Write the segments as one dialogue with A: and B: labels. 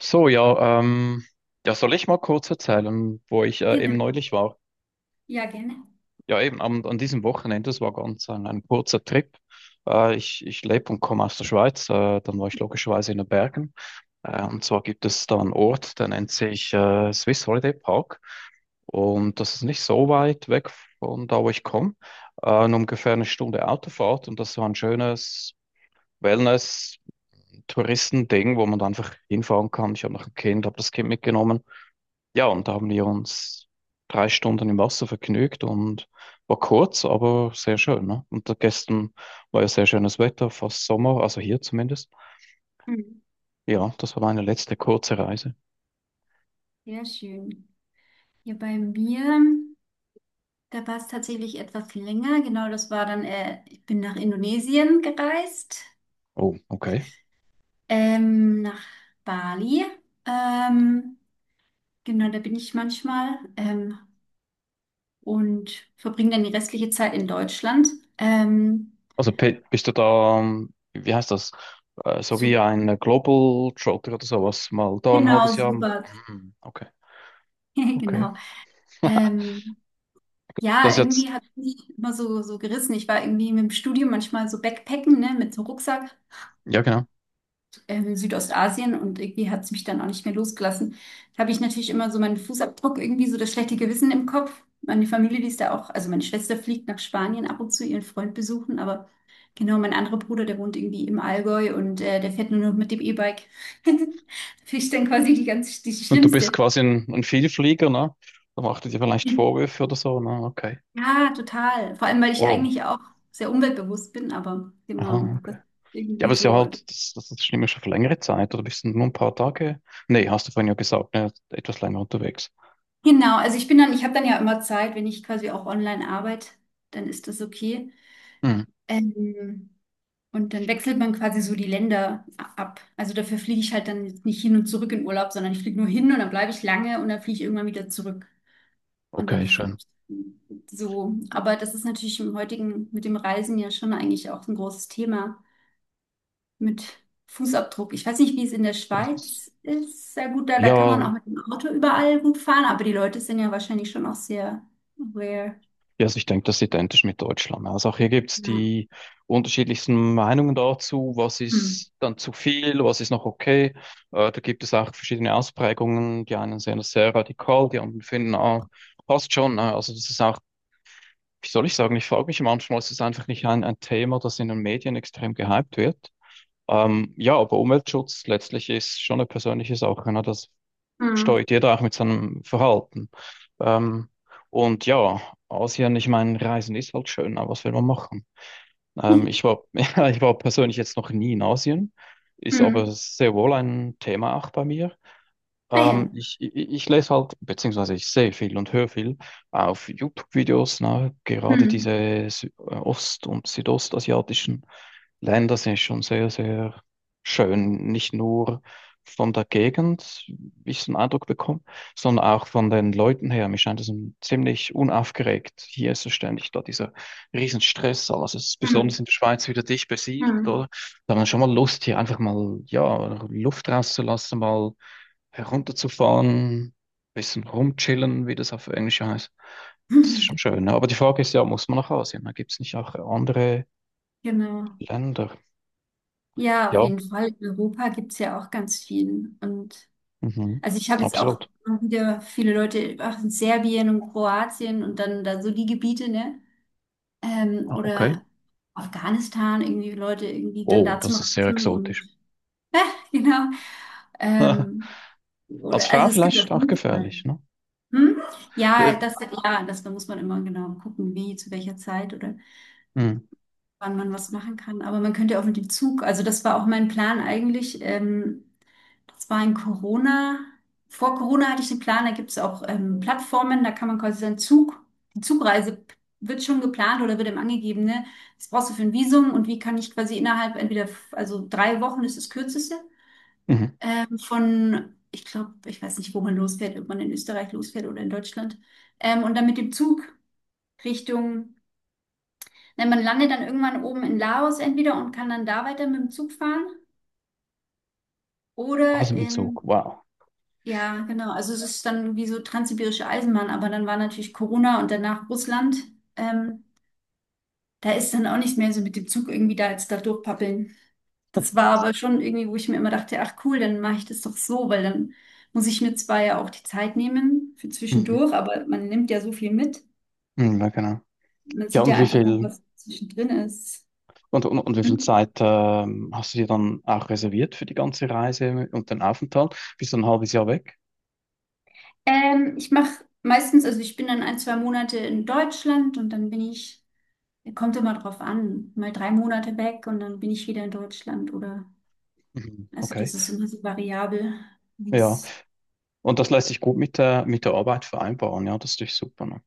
A: So, ja, ja, soll ich mal kurz erzählen, wo ich eben
B: Genau,
A: neulich war?
B: ja, gerne.
A: Ja, eben an diesem Wochenende, das war ganz ein kurzer Trip. Ich lebe und komme aus der Schweiz, dann war ich logischerweise in den Bergen. Und zwar gibt es da einen Ort, der nennt sich Swiss Holiday Park. Und das ist nicht so weit weg von da, wo ich komme. Nur ungefähr eine Stunde Autofahrt und das war ein schönes Wellness-Touristending, wo man da einfach hinfahren kann. Ich habe noch ein Kind, habe das Kind mitgenommen. Ja, und da haben wir uns 3 Stunden im Wasser vergnügt und war kurz, aber sehr schön. Ne? Und da gestern war ja sehr schönes Wetter, fast Sommer, also hier zumindest.
B: Mhm.
A: Ja, das war meine letzte kurze Reise.
B: Sehr schön. Ja, bei mir, da war es tatsächlich etwas länger. Genau, das war dann, ich bin nach Indonesien gereist,
A: Oh, okay.
B: nach Bali. Ähm, genau, da bin ich manchmal und verbringe dann die restliche Zeit in Deutschland. Ähm,
A: Also bist du da, wie heißt das? So
B: so,
A: wie ein Global Trotter oder sowas, mal da ein
B: genau,
A: halbes Jahr.
B: super.
A: Hm. Okay, okay.
B: Genau. Ähm,
A: Das
B: ja,
A: jetzt,
B: irgendwie hat mich immer so, so gerissen. Ich war irgendwie mit dem Studium manchmal so Backpacken, ne, mit so Rucksack.
A: ja genau.
B: Südostasien und irgendwie hat es mich dann auch nicht mehr losgelassen. Da habe ich natürlich immer so meinen Fußabdruck, irgendwie so das schlechte Gewissen im Kopf. Meine Familie, die ist da auch, also meine Schwester fliegt nach Spanien ab und zu ihren Freund besuchen, aber genau, mein anderer Bruder, der wohnt irgendwie im Allgäu und der fährt nur noch mit dem E-Bike. Da bin ich dann quasi die ganz, die
A: Und du bist
B: Schlimmste.
A: quasi ein Vielflieger, ne? Da macht er dir vielleicht Vorwürfe oder so, ne? Okay.
B: Ja, total. Vor allem, weil ich
A: Wow.
B: eigentlich auch sehr umweltbewusst bin, aber genau,
A: Aha.
B: das ist
A: Ja, aber
B: irgendwie
A: es ist ja
B: so.
A: halt, das stimmt ja schon für längere Zeit, oder bist du nur ein paar Tage? Nee, hast du vorhin ja gesagt, ne, etwas länger unterwegs.
B: Genau, also ich bin dann, ich habe dann ja immer Zeit, wenn ich quasi auch online arbeite, dann ist das okay.
A: Hm,
B: Ähm, und dann wechselt man quasi so die Länder ab. Also dafür fliege ich halt dann jetzt nicht hin und zurück in Urlaub, sondern ich fliege nur hin und dann bleibe ich lange und dann fliege ich irgendwann wieder zurück. Und dann
A: okay, schön.
B: so. Aber das ist natürlich im heutigen, mit dem Reisen ja schon eigentlich auch ein großes Thema mit Fußabdruck. Ich weiß nicht, wie es in der
A: Das ist,
B: Schweiz ist. Sehr gut, da, da kann man
A: ja,
B: auch mit dem Auto überall gut fahren, aber die Leute sind ja wahrscheinlich schon auch sehr aware.
A: ja, also ich denke, das ist identisch mit Deutschland. Also auch hier gibt es
B: Ja.
A: die unterschiedlichsten Meinungen dazu, was
B: Hm.
A: ist dann zu viel, was ist noch okay. Da gibt es auch verschiedene Ausprägungen. Die einen sehen das sehr radikal, die anderen finden, ah, passt schon, ne? Also das ist auch, wie soll ich sagen, ich frage mich manchmal, ist es einfach nicht ein Thema, das in den Medien extrem gehypt wird. Ja, aber Umweltschutz letztlich ist schon eine persönliche Sache. Ne? Das
B: Hm.
A: steuert jeder auch mit seinem Verhalten. Ähm, und ja, Asien, ich meine, Reisen ist halt schön, aber was will man machen? Ich war, ja, ich war persönlich jetzt noch nie in Asien, ist aber
B: Hm.
A: sehr wohl ein Thema auch bei mir. Ähm,
B: Naja.
A: ich, ich, ich lese halt, beziehungsweise ich sehe viel und höre viel auf YouTube-Videos, ne? Gerade diese
B: Hm.
A: Ost- und südostasiatischen Länder sind schon sehr, sehr schön. Nicht nur von der Gegend, wie ich so einen Eindruck bekomme, sondern auch von den Leuten her. Mir scheint es ein ziemlich unaufgeregt. Hier ist es ständig da dieser Riesenstress. Alles ist
B: Hm.
A: besonders in der Schweiz wieder dicht besiedelt,
B: Hm.
A: oder? Da hat man schon mal Lust, hier einfach mal, ja, Luft rauszulassen, mal herunterzufahren, bisschen rumchillen, wie das auf Englisch heißt. Das ist schon schön, ne? Aber die Frage ist ja, muss man nach Asien? Da gibt es nicht auch andere
B: Genau.
A: Länder?
B: Ja, auf
A: Ja,
B: jeden Fall. In Europa gibt es ja auch ganz viel. Und
A: mhm.
B: also ich habe jetzt auch
A: Absolut.
B: wieder viele Leute auch in Serbien und Kroatien und dann da so die Gebiete, ne?
A: Ah, okay.
B: Oder Afghanistan, irgendwie Leute irgendwie dann
A: Oh,
B: da zum
A: das ist sehr
B: Reisen
A: exotisch.
B: und genau. Ähm,
A: Als
B: oder
A: Frau
B: also es gibt auf
A: vielleicht auch
B: jeden Fall.
A: gefährlich, ne?
B: Hm?
A: Äh,
B: Ja, das, ja, das, da muss man immer genau gucken, wie, zu welcher Zeit oder
A: Mhm.
B: wann man was machen kann. Aber man könnte ja auch mit dem Zug, also das war auch mein Plan eigentlich. Das war in Corona. Vor Corona hatte ich den Plan, da gibt es auch Plattformen, da kann man quasi seinen Zug, die Zugreise wird schon geplant oder wird eben angegeben, ne? Was brauchst du für ein Visum und wie kann ich quasi innerhalb entweder, also 3 Wochen ist das Kürzeste,
A: Mhm.
B: von, ich glaube, ich weiß nicht, wo man losfährt, ob man in Österreich losfährt oder in Deutschland, und dann mit dem Zug Richtung. Ne, man landet dann irgendwann oben in Laos entweder und kann dann da weiter mit dem Zug fahren
A: Alles
B: oder
A: im Zug. Wow.
B: ja, genau. Also es ist dann wie so transsibirische Eisenbahn, aber dann war natürlich Corona und danach Russland. Ähm, da ist dann auch nicht mehr so mit dem Zug irgendwie da jetzt da durchpappeln. Das war aber schon irgendwie, wo ich mir immer dachte, ach cool, dann mache ich das doch so, weil dann muss ich mir zwar ja auch die Zeit nehmen für
A: Mhm.
B: zwischendurch, aber man nimmt ja so viel mit.
A: Mhm, ja, genau.
B: Man
A: Ja,
B: sieht
A: und
B: ja
A: wie
B: einfach noch,
A: viel
B: was zwischendrin ist.
A: und wie viel Zeit hast du dir dann auch reserviert für die ganze Reise und den Aufenthalt? Bist du ein halbes Jahr weg?
B: Ich mache meistens, also ich bin dann ein, 2 Monate in Deutschland und dann bin ich, kommt immer drauf an, mal 3 Monate weg und dann bin ich wieder in Deutschland oder,
A: Mhm.
B: also
A: Okay.
B: das ist immer so variabel, wie
A: Ja.
B: es.
A: Und das lässt sich gut mit der, Arbeit vereinbaren, ja, das ist natürlich super, ne?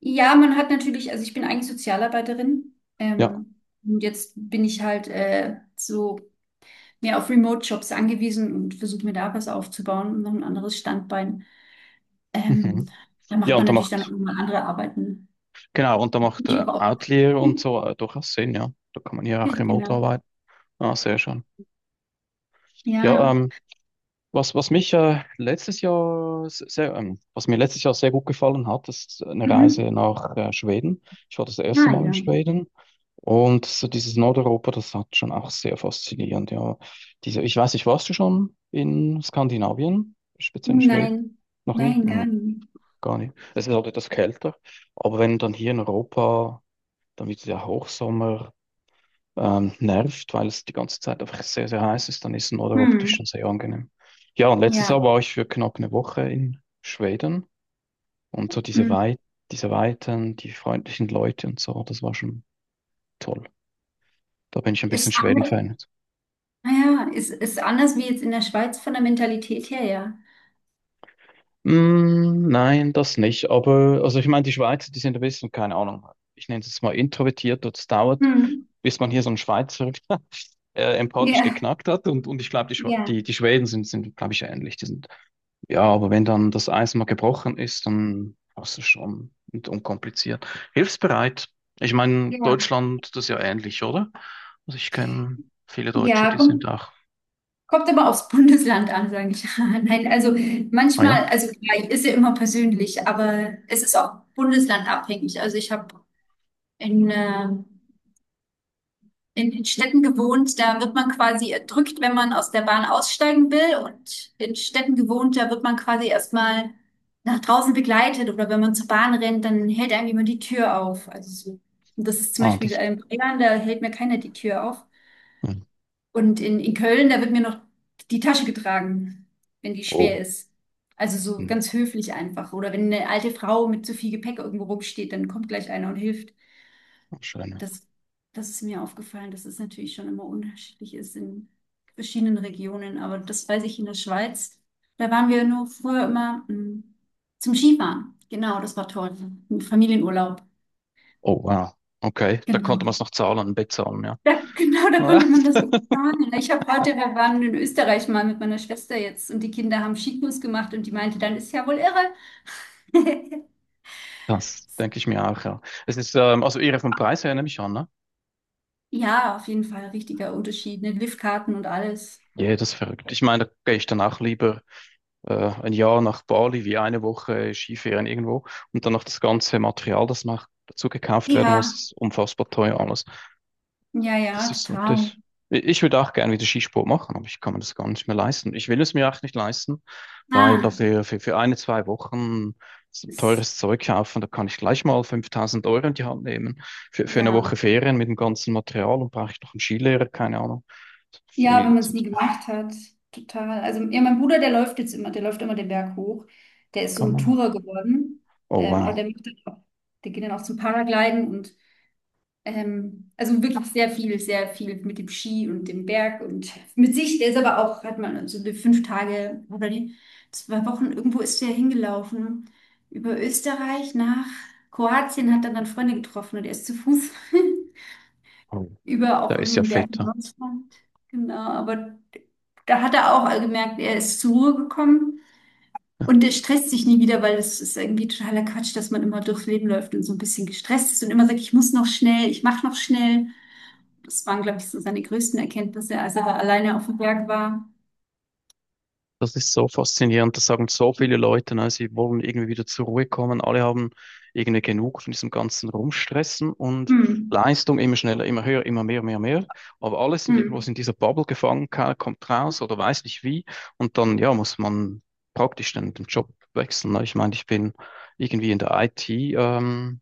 B: Ja, man hat natürlich, also ich bin eigentlich Sozialarbeiterin,
A: Ja.
B: und jetzt bin ich halt so mehr auf Remote-Jobs angewiesen und versuche mir da was aufzubauen und noch ein anderes Standbein. Ähm,
A: Mhm.
B: da
A: Ja,
B: macht man natürlich dann auch immer andere Arbeiten.
A: genau, und da macht
B: Ja,
A: Outlier und so durchaus Sinn, ja. Da kann man hier auch remote
B: genau.
A: arbeiten. Ah, sehr schön. Ja,
B: Ja.
A: Was, was mich letztes Jahr sehr, was mir letztes Jahr sehr gut gefallen hat, ist eine
B: Mhm.
A: Reise nach Schweden. Ich war das erste
B: Ah
A: Mal in
B: ja.
A: Schweden und so dieses Nordeuropa, das hat schon auch sehr faszinierend. Ja, diese, ich weiß nicht, warst du schon in Skandinavien, speziell in Schweden?
B: Nein,
A: Noch nie?
B: nein, gar
A: Hm,
B: nicht.
A: gar nicht. Es ist halt etwas kälter, aber wenn dann hier in Europa, dann wird es ja Hochsommer nervt, weil es die ganze Zeit einfach sehr, sehr heiß ist, dann ist ein Oder optisch
B: Hm.
A: schon sehr angenehm. Ja, und letztes Jahr
B: Ja.
A: war ich für knapp eine Woche in Schweden und so
B: Hm.
A: Diese Weiten, die freundlichen Leute und so, das war schon toll. Da bin ich ein bisschen
B: Ist anders,
A: Schweden-Fan.
B: naja, ist anders wie jetzt in der Schweiz von der Mentalität her, ja.
A: Mm, nein, das nicht. Aber, also ich meine, die Schweizer, die sind ein bisschen, keine Ahnung, ich nenne es jetzt mal introvertiert, das dauert,
B: Hm.
A: bis man hier so einen Schweizer empathisch
B: Ja,
A: geknackt hat. Und ich glaube, die, Schwe-
B: ja,
A: die, die Schweden sind glaube ich, ähnlich. Die sind. Ja, aber wenn dann das Eis mal gebrochen ist, dann hast du schon und unkompliziert. Hilfsbereit. Ich meine,
B: ja.
A: Deutschland, das ist ja ähnlich, oder? Also ich kenne viele Deutsche,
B: Ja,
A: die sind
B: kommt,
A: auch.
B: kommt aber aufs Bundesland an, sage ich. Nein, also
A: Ah ja.
B: manchmal, also klar, ist ja immer persönlich, aber es ist auch bundeslandabhängig. Also ich habe in, äh, in den Städten gewohnt, da wird man quasi erdrückt, wenn man aus der Bahn aussteigen will. Und in Städten gewohnt, da wird man quasi erstmal nach draußen begleitet. Oder wenn man zur Bahn rennt, dann hält einem jemand die Tür auf. Also so. Und das ist zum
A: Ah,
B: Beispiel
A: das.
B: in Bayern, da hält mir keiner die Tür auf.
A: Hm.
B: Und in Köln, da wird mir noch die Tasche getragen, wenn die schwer
A: Oh,
B: ist. Also so
A: hm.
B: ganz höflich einfach. Oder wenn eine alte Frau mit zu viel Gepäck irgendwo rumsteht, dann kommt gleich einer und hilft.
A: Schön.
B: Das, das ist mir aufgefallen, dass es natürlich schon immer unterschiedlich ist in verschiedenen Regionen. Aber das weiß ich in der Schweiz. Da waren wir nur früher immer zum Skifahren. Genau, das war toll. Ein Familienurlaub.
A: Oh, wow. Okay, da konnte man
B: Genau.
A: es noch zahlen, bezahlen, ja.
B: Da, genau, da konnte man das planen. Ich habe heute, wir waren in Österreich mal mit meiner Schwester jetzt und die Kinder haben Skikurs gemacht und die meinte, dann ist ja wohl irre.
A: Das denke ich mir auch, ja. Es ist, also ihre vom Preis her nehme ich an, ne?
B: Ja, auf jeden Fall richtiger Unterschied. Ne? Liftkarten und alles.
A: Ja, das ist verrückt. Ich meine, da gehe ich dann auch lieber ein Jahr nach Bali, wie eine Woche Skifahren irgendwo und dann noch das ganze Material, das noch dazu gekauft werden muss,
B: Ja,
A: ist unfassbar teuer alles.
B: ja,
A: Das
B: ja,
A: ist so,
B: total.
A: das. Ich würde auch gerne wieder Skisport machen, aber ich kann mir das gar nicht mehr leisten. Ich will es mir auch nicht leisten, weil
B: Ah.
A: dafür für eine, zwei Wochen so
B: Ist,
A: teures Zeug kaufen, da kann ich gleich mal 5.000 Euro in die Hand nehmen. Für eine
B: ja,
A: Woche Ferien mit dem ganzen Material und brauche ich noch einen Skilehrer, keine Ahnung.
B: ja,
A: Viel
B: wenn man
A: zu
B: es nie
A: teuer.
B: gemacht hat, total. Also ja, mein Bruder, der läuft jetzt immer, der läuft immer den Berg hoch. Der ist so
A: Kann
B: ein
A: man noch.
B: Tourer geworden,
A: Oh
B: aber
A: wow.
B: der macht dann auch, der geht dann auch zum Paragliden und also wirklich sehr viel mit dem Ski und dem Berg und mit sich. Der ist aber auch, hat man so die 5 Tage oder die 2 Wochen irgendwo ist der hingelaufen über Österreich nach Kroatien, hat dann Freunde getroffen und er ist zu Fuß.
A: Oh,
B: über
A: da
B: auch
A: ist ja
B: irgendeinen Berg
A: fett.
B: in Deutschland. Genau, aber da hat er auch gemerkt, er ist zur Ruhe gekommen und er stresst sich nie wieder, weil es ist irgendwie totaler Quatsch, dass man immer durchs Leben läuft und so ein bisschen gestresst ist und immer sagt, ich muss noch schnell, ich mache noch schnell. Das waren, glaube ich, so seine größten Erkenntnisse, als er da alleine auf dem Berg war.
A: Das ist so faszinierend, das sagen so viele Leute, ne? Sie wollen irgendwie wieder zur Ruhe kommen. Alle haben irgendwie genug von diesem ganzen Rumstressen und
B: Hm,
A: Leistung immer schneller, immer höher, immer mehr, mehr, mehr. Aber alle sind irgendwo
B: hm,
A: in dieser Bubble gefangen, keiner kommt raus oder weiß nicht wie. Und dann, ja, muss man praktisch den Job wechseln. Ne? Ich meine, ich bin irgendwie in der IT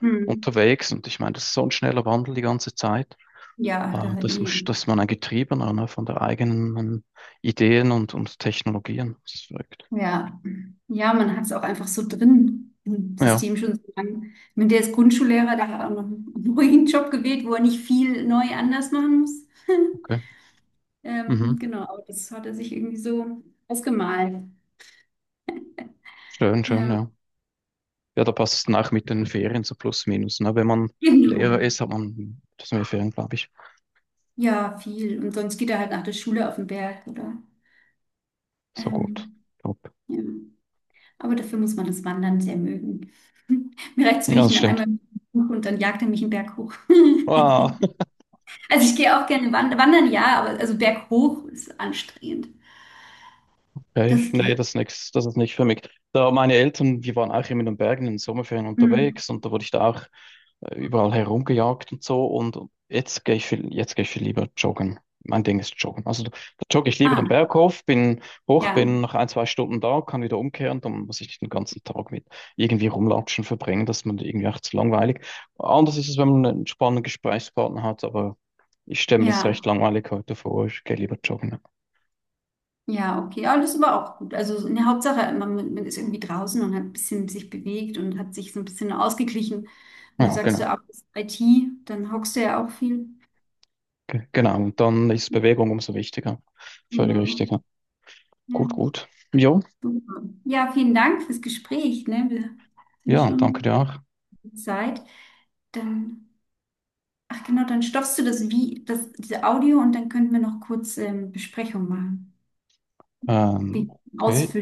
B: hm.
A: unterwegs und ich meine, das ist so ein schneller Wandel die ganze Zeit.
B: Ja,
A: Äh,
B: da
A: dass man,
B: eh.
A: dass man ein Getriebener, ne, von der eigenen Ideen und Technologien. Das ist verrückt.
B: Ja, ja, man hat es auch einfach so drin im
A: Ja,
B: System schon so lange. Wenn der ist Grundschullehrer, der hat auch noch einen ruhigen Job gewählt, wo er nicht viel neu anders machen muss.
A: okay. Mhm.
B: Genau, aber das hat er sich irgendwie so ausgemalt.
A: Schön, schön,
B: Ja,
A: ja. Ja, da passt es nach mit den Ferien so plus minus. Ne? Wenn man
B: genau.
A: Lehrer ist, hat man das mehr Ferien, glaube ich.
B: Ja, viel. Und sonst geht er halt nach der Schule auf den Berg oder.
A: So gut.
B: Ähm,
A: Top.
B: ja. Aber dafür muss man das Wandern sehr mögen. Mir reicht es, wenn
A: Ja,
B: ich
A: das
B: ihn dann
A: stimmt.
B: einmal buche und dann jagt er mich einen Berg hoch.
A: Wow.
B: Also ich gehe auch gerne wandern. Wandern ja, aber also berghoch ist anstrengend.
A: Okay,
B: Das
A: nee,
B: geht.
A: das ist nix, das ist nicht für mich. Da meine Eltern, wir waren auch immer in den Bergen in den Sommerferien
B: Hm.
A: unterwegs und da wurde ich da auch überall herumgejagt und so. Und jetzt gehe ich viel lieber joggen. Mein Ding ist joggen. Also da jogge ich lieber
B: Ah,
A: den Berg hoch,
B: ja,
A: bin nach ein, zwei Stunden da, kann wieder umkehren, dann muss ich nicht den ganzen Tag mit irgendwie rumlatschen verbringen, das ist mir irgendwie auch zu langweilig. Anders ist es, wenn man einen spannenden Gesprächspartner hat, aber ich stelle mir das
B: ja,
A: recht langweilig heute vor, ich gehe lieber joggen.
B: ja, okay. Ja, das ist aber auch gut. Also in der Hauptsache, man ist irgendwie draußen und hat ein bisschen sich bewegt und hat sich so ein bisschen ausgeglichen. Und du
A: Ja,
B: sagst
A: genau.
B: ja auch, das ist IT, dann hockst du ja auch viel.
A: Genau, und dann ist Bewegung umso wichtiger. Völlig
B: Genau.
A: richtig, ja. Gut,
B: Ja,
A: gut. Jo,
B: super. Ja, vielen Dank fürs Gespräch, ne? Wir sind
A: ja, danke
B: schon
A: dir auch.
B: Zeit. Dann Ach genau, dann stoppst du das wie, das, diese Audio und dann könnten wir noch kurz Besprechung machen.
A: Ähm,
B: Die
A: okay.
B: ausfüllen.